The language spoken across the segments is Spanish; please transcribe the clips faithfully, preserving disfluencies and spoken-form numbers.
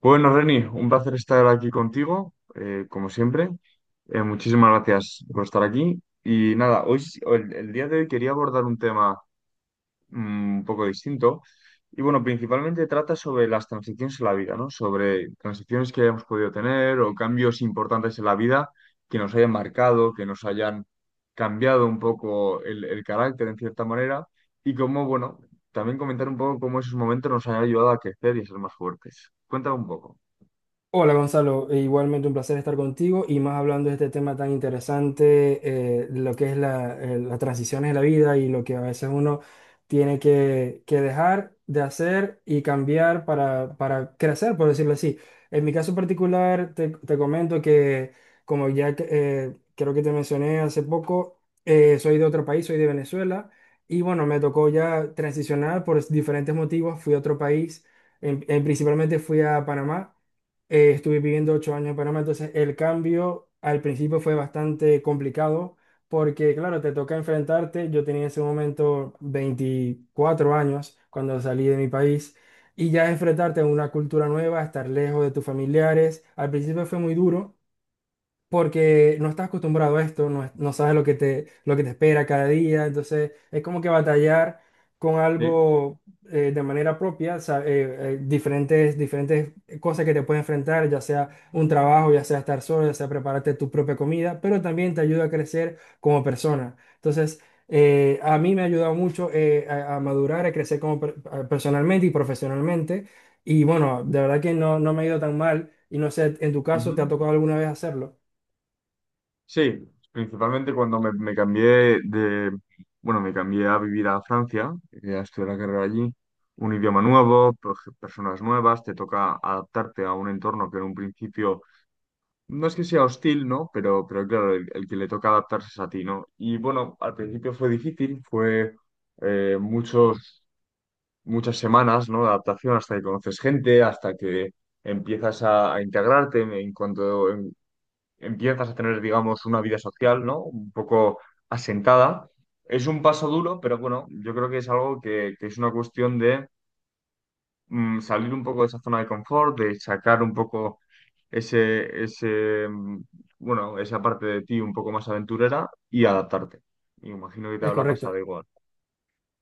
Bueno, Reni, un placer estar aquí contigo, eh, como siempre. Eh, muchísimas gracias por estar aquí. Y nada, hoy, sí- el, el día de hoy quería abordar un tema mm, un poco distinto. Y bueno, principalmente trata sobre las transiciones en la vida, ¿no? Sobre transiciones que hayamos podido tener o cambios importantes en la vida que nos hayan marcado, que nos hayan cambiado un poco el, el carácter en cierta manera. Y cómo, bueno, también comentar un poco cómo esos momentos nos han ayudado a crecer y a ser más fuertes. Cuéntame un poco. Hola Gonzalo, e igualmente un placer estar contigo y más hablando de este tema tan interesante, eh, de lo que es la, eh, las transiciones de la vida y lo que a veces uno tiene que, que dejar de hacer y cambiar para, para crecer, por decirlo así. En mi caso particular, te, te comento que como ya que, eh, creo que te mencioné hace poco, eh, soy de otro país, soy de Venezuela. Y bueno, me tocó ya transicionar por diferentes motivos, fui a otro país, en- en- principalmente fui a Panamá. Eh, estuve viviendo ocho años en Panamá, entonces el cambio al principio fue bastante complicado porque, claro, te toca enfrentarte. Yo tenía en ese momento veinticuatro años cuando salí de mi país y ya enfrentarte a una cultura nueva, estar lejos de tus familiares, al principio fue muy duro, porque no estás acostumbrado a esto, no, es- no sabes lo que te, lo que te espera cada día, entonces es como que batallar con Sí, algo eh, de manera propia, o sea, eh, eh, diferentes, diferentes cosas que te pueden enfrentar, ya sea un trabajo, ya sea estar solo, ya sea prepararte tu propia comida, pero también te ayuda a crecer como persona. Entonces, eh, a mí me ha ayudado mucho eh, a, a madurar, a crecer como per- personalmente y profesionalmente, y bueno, de verdad que no, no me ha ido tan mal, y no sé, en tu caso, ujú. ¿te ha tocado alguna vez hacerlo? Sí, principalmente cuando me, me cambié de, bueno, me cambié a vivir a Francia, eh, a estudiar la carrera allí, un idioma nuevo, per- personas nuevas, te toca adaptarte a un entorno que en un principio no es que sea hostil, ¿no? Pero, pero claro, el, el que le toca adaptarse es a ti, ¿no? Y bueno, al principio fue difícil, fue eh, muchos, muchas semanas, ¿no? De adaptación hasta que conoces gente, hasta que empiezas a, a integrarte en, en cuanto, empiezas a tener, digamos, una vida social, ¿no? Un poco asentada. Es un paso duro, pero bueno, yo creo que es algo que, que es una cuestión de mm, salir un poco de esa zona de confort, de sacar un poco ese, ese, mm, bueno, esa parte de ti un poco más aventurera y adaptarte. Y imagino que te Es habla correcto. pasado igual.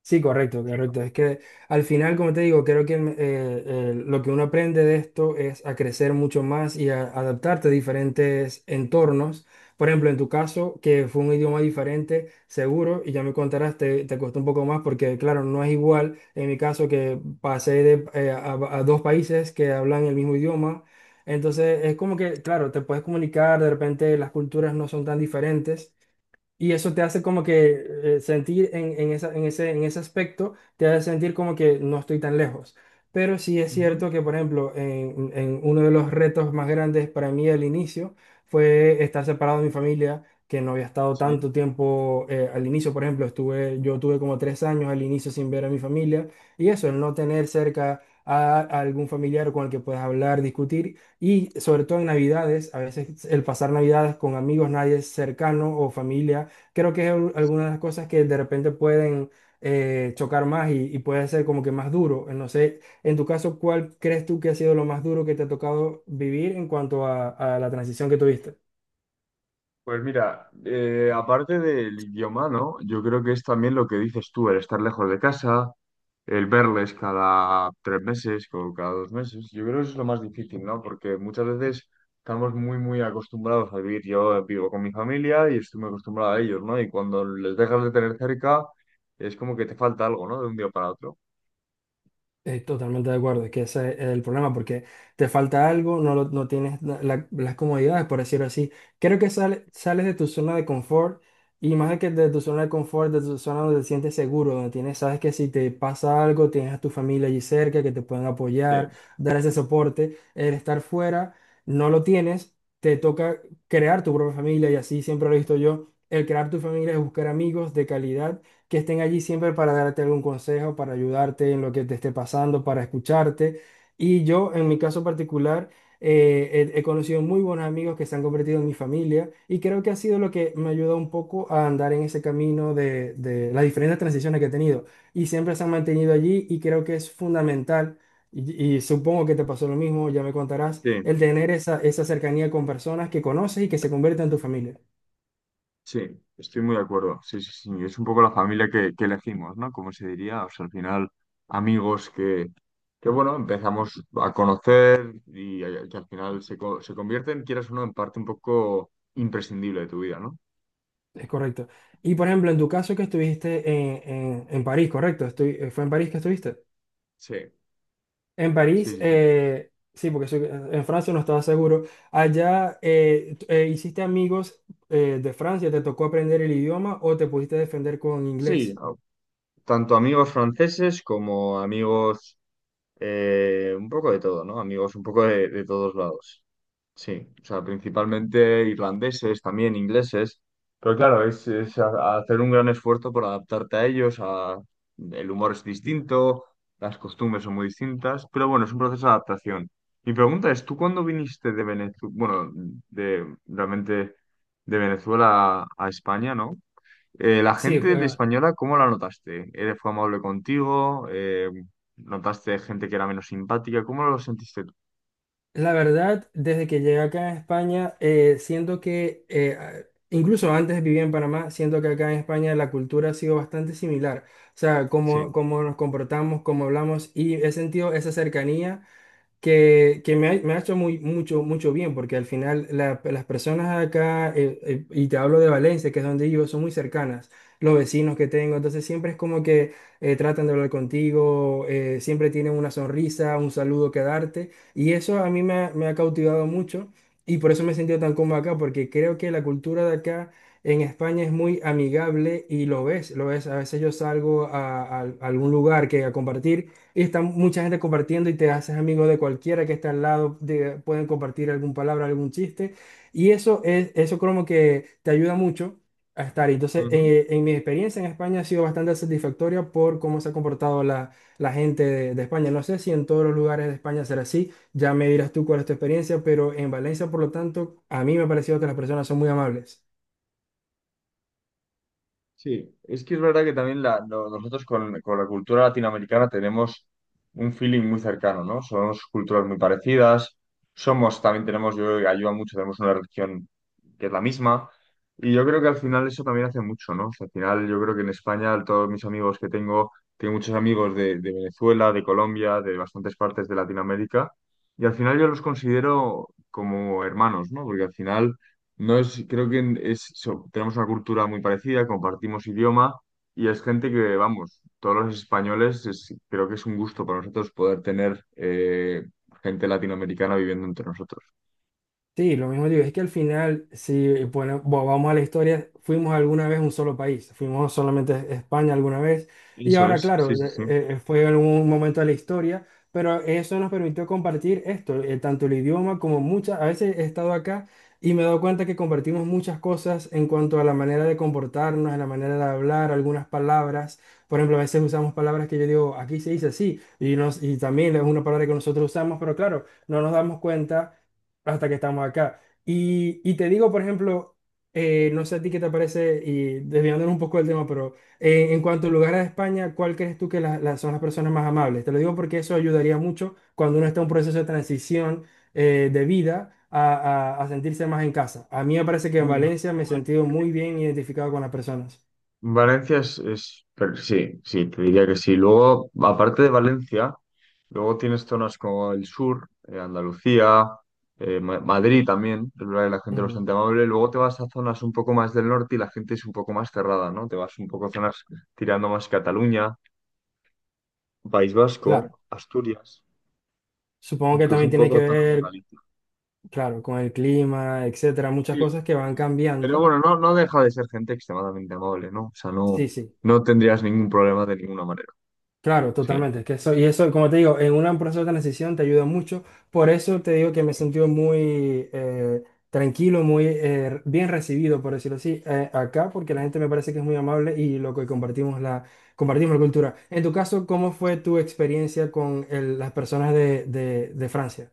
Sí, correcto, correcto. Es que al final, como te digo, creo que el- eh, el- lo que uno aprende de esto es a crecer mucho más y a adaptarte a diferentes entornos. Por ejemplo, en tu caso, que fue un idioma diferente, seguro, y ya me contarás, te, te costó un poco más porque, claro, no es igual en mi caso que pasé de, eh, a, a dos países que hablan el mismo idioma. Entonces, es como que, claro, te puedes comunicar, de repente las culturas no son tan diferentes. Y eso te hace como que eh, sentir en, en esa- en ese, en ese aspecto, te hace sentir como que no estoy tan lejos. Pero sí es Ujú, cierto que, por ejemplo, en, en uno de los retos más grandes para mí al inicio fue estar separado de mi familia, que no había estado sí. tanto tiempo eh, al inicio, por ejemplo, estuve, yo tuve como tres años al inicio sin ver a mi familia. Y eso, el no tener cerca a, a algún familiar con el que puedas hablar, discutir. Y sobre todo en Navidades, a veces el pasar Navidades con amigos, nadie cercano o familia, creo que es al- alguna de las cosas que de repente pueden eh, chocar más y, y puede ser como que más duro. No sé, en tu caso, ¿cuál crees tú que ha sido lo más duro que te ha tocado vivir en cuanto a, a la transición que tuviste? Pues mira, eh, aparte del idioma, ¿no? Yo creo que es también lo que dices tú, el estar lejos de casa, el verles cada tres meses o cada dos meses. Yo creo que eso es lo más difícil, ¿no? Porque muchas veces estamos muy, muy acostumbrados a vivir. Yo vivo con mi familia y estoy muy acostumbrado a ellos, ¿no? Y cuando les dejas de tener cerca, es como que te falta algo, ¿no? De un día para otro. Eh, totalmente de acuerdo, es que ese es el problema, porque te falta algo, no, lo- no tienes la- la- las comodidades, por decirlo así. Creo que sale- sales de tu zona de confort y más de que de tu zona de confort, de tu zona donde te sientes seguro, donde tienes, sabes que si te pasa algo, tienes a tu familia allí cerca que te pueden apoyar, Sí, dar ese soporte. El estar fuera, no lo tienes, te toca crear tu propia familia, y así siempre lo he visto yo. El crear tu familia es buscar amigos de calidad que estén allí siempre para darte algún consejo, para ayudarte en lo que te esté pasando, para escucharte. Y yo, en mi caso particular, eh, he, he conocido muy buenos amigos que se han convertido en mi familia, y creo que ha sido lo que me ayuda un poco a andar en ese camino de, de las diferentes transiciones que he tenido. Y siempre se han mantenido allí, y creo que es fundamental. Y, y supongo que te pasó lo mismo, ya me contarás, sí. el tener esa, esa cercanía con personas que conoces y que se convierten en tu familia. Sí, estoy muy de acuerdo. Sí, sí, sí. Es un poco la familia que, que elegimos, ¿no? Como se diría, o sea, al final, amigos que, que bueno, empezamos a conocer y a- que al final se, co- se convierten, quieras o no, en parte un poco imprescindible de tu vida, ¿no? Es correcto. Y por ejemplo, en tu caso que estuviste en, en- en París, ¿correcto? Estoy- eh, ¿fue en París que estuviste? Sí, En sí, París, sí, sí. eh, sí, porque soy- eh, en Francia no estaba seguro. Allá eh, t- eh, hiciste amigos eh, de Francia, ¿te tocó aprender el idioma o te pudiste defender con Sí, inglés? a- tanto amigos franceses como amigos eh, un poco de todo, ¿no? Amigos un poco de, de todos lados. Sí, o sea, principalmente irlandeses, también ingleses, pero claro, es, es a- a hacer un gran esfuerzo por adaptarte a ellos, a- el humor es distinto, las costumbres son muy distintas, pero bueno, es un proceso de adaptación. Mi pregunta es, ¿tú cuándo viniste de Venezuela, bueno, de, realmente de Venezuela a España, ¿no? Eh, la Sí, gente de eh, española, ¿cómo la notaste? ¿Eres- ¿Fue amable contigo? Eh, ¿notaste gente que era menos simpática? ¿Cómo lo sentiste tú? la verdad, desde que llegué acá a España, eh, siento que, eh, a- incluso antes vivía en Panamá, siento que acá en España la cultura ha sido bastante similar. O sea, cómo, Sí. cómo nos comportamos, cómo hablamos, y he sentido esa cercanía que, que me ha, me ha hecho muy, mucho, mucho bien, porque al final la- las personas acá, eh, eh, y te hablo de Valencia, que es donde vivo, son muy cercanas, los vecinos que tengo, entonces siempre es como que eh, tratan de hablar contigo, eh, siempre tienen una sonrisa, un saludo que darte, y eso a mí me, ha me ha cautivado mucho, y por eso me he sentido tan cómodo acá, porque creo que la cultura de acá en España es muy amigable, y lo ves, lo ves, a veces yo salgo a a- a algún lugar que a compartir. Y está mucha gente compartiendo y te haces amigo de cualquiera que está al lado, de- pueden compartir alguna palabra, algún chiste. Y eso es, eso como que te ayuda mucho a estar ahí. Entonces, eh, en mi experiencia en España ha sido bastante satisfactoria por cómo se ha comportado la, la gente de, de España. No sé si en todos los lugares de España será así, ya me dirás tú cuál es tu experiencia, pero en Valencia, por lo tanto, a mí me ha parecido que las personas son muy amables. Sí, es que es verdad que también la- no- nosotros con, con la cultura latinoamericana tenemos un feeling muy cercano, ¿no? Somos culturas muy parecidas, somos, también tenemos, yo creo que ayuda mucho, tenemos una religión que es la misma, y yo creo que al final eso también hace mucho, ¿no? O sea, al final yo creo que en España todos mis amigos que tengo, tengo muchos amigos de, de Venezuela, de Colombia, de bastantes partes de Latinoamérica, y al final yo los considero como hermanos, ¿no? Porque al final… No es, creo que en- es, so- tenemos una cultura muy parecida, compartimos idioma y es gente que, vamos, todos los españoles, es- creo que es un gusto para nosotros poder tener eh, gente latinoamericana viviendo entre nosotros. Sí, lo mismo digo, es que al final, si bueno, vo- vamos a la historia, fuimos alguna vez un solo país, fuimos solamente a España alguna vez, y Eso ahora, es, sí, claro, sí, de- sí. eh, fue algún momento de la historia, pero eso nos permitió compartir esto, eh, tanto el idioma como muchas, a veces he estado acá y me he dado cuenta que compartimos muchas cosas en cuanto a la manera de comportarnos, en la manera de hablar, algunas palabras. Por ejemplo, a veces usamos palabras que yo digo, aquí se dice así, y, nos, y también es una palabra que nosotros usamos, pero claro, no nos damos cuenta hasta que estamos acá. Y, y te digo, por ejemplo, eh, no sé a ti qué te parece, y desviándonos un poco del tema, pero eh, en cuanto a lugares de España, ¿cuál crees tú que la- la- son las personas más amables? Te lo digo porque eso ayudaría mucho cuando uno está en un proceso de transición eh, de vida a, a- a sentirse más en casa. A mí me parece que en Mira. Valencia me he sentido muy bien identificado con las personas. Valencia es, es- pero sí, sí, te diría que sí. Luego, aparte de Valencia, luego tienes zonas como el sur, eh, Andalucía, eh, Ma- Madrid también, es verdad que la gente es Mm, bastante amable. Luego te vas a zonas un poco más del norte y la gente es un poco más cerrada, ¿no? Te vas un poco a zonas tirando más Cataluña, País Vasco, claro, Asturias, supongo que incluso también un tiene que poco zonas de ver, Galicia. claro, con el clima, etcétera, muchas Sí, cosas que van sí. Pero cambiando. bueno, no, no deja de ser gente extremadamente amable, ¿no? O sea, no, Sí, sí. no tendrías ningún problema de ninguna manera. Claro, Sí. totalmente. Que eso, y eso, como te digo, en un proceso de transición te ayuda mucho. Por eso te digo que me he sentido muy eh, tranquilo, muy eh, bien recibido, por decirlo así, eh, acá, porque la gente me parece que es muy amable y lo que compartimos la, compartimos la cultura. En tu caso, ¿cómo fue tu experiencia con el- las personas de, de- de Francia?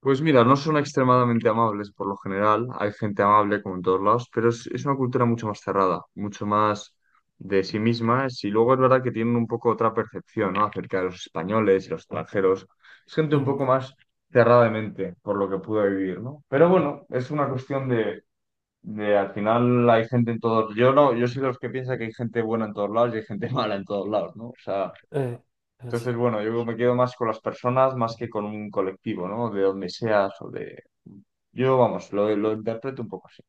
Pues mira, no son extremadamente amables por lo general, hay gente amable como en todos lados, pero es, es una cultura mucho más cerrada, mucho más de sí misma, y luego es verdad que tienen un poco otra percepción, ¿no? acerca de los españoles y los extranjeros, es gente un Ujú, poco más cerrada de mente por lo que pude vivir, ¿no? Pero bueno, es una cuestión de, de al final hay gente en todos, yo no, yo soy de los que piensa que hay gente buena en todos lados y hay gente mala en todos lados, ¿no? O sea, eh, así. entonces bueno, yo me quedo más con las personas más que con un colectivo, ¿no? De donde seas o de yo, vamos, lo, lo interpreto un poco así.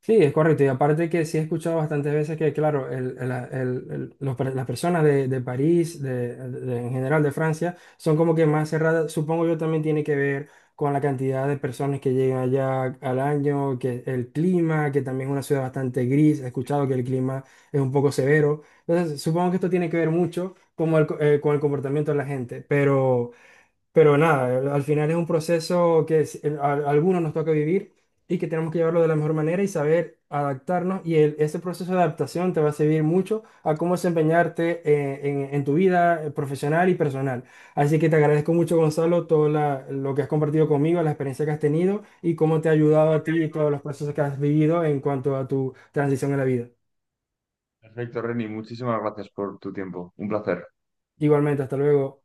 Sí, es correcto. Y aparte que sí he escuchado bastantes veces que, claro, el- el- el- el- los per- las personas de, de París, de, de- en general de Francia, son como que más cerradas. Supongo yo también tiene que ver con la cantidad de personas que llegan allá al año, que el clima, que también es una ciudad bastante gris. He escuchado que el clima es un poco severo. Entonces, supongo que esto tiene que ver mucho como el co- eh, con el comportamiento de la gente. Pero... Pero nada, al final es un proceso que es- el- a, a algunos nos toca vivir, y que tenemos que llevarlo de la mejor manera y saber adaptarnos. Y el- ese proceso de adaptación te va a servir mucho a cómo desempeñarte eh, en, en tu vida eh, profesional y personal. Así que te agradezco mucho, Gonzalo, todo la- lo que has compartido conmigo, la experiencia que has tenido y cómo te ha ayudado a ti y todos los procesos que has vivido en cuanto a tu transición en la vida. Perfecto, Reni, muchísimas gracias por tu tiempo. Un placer. Igualmente, hasta luego.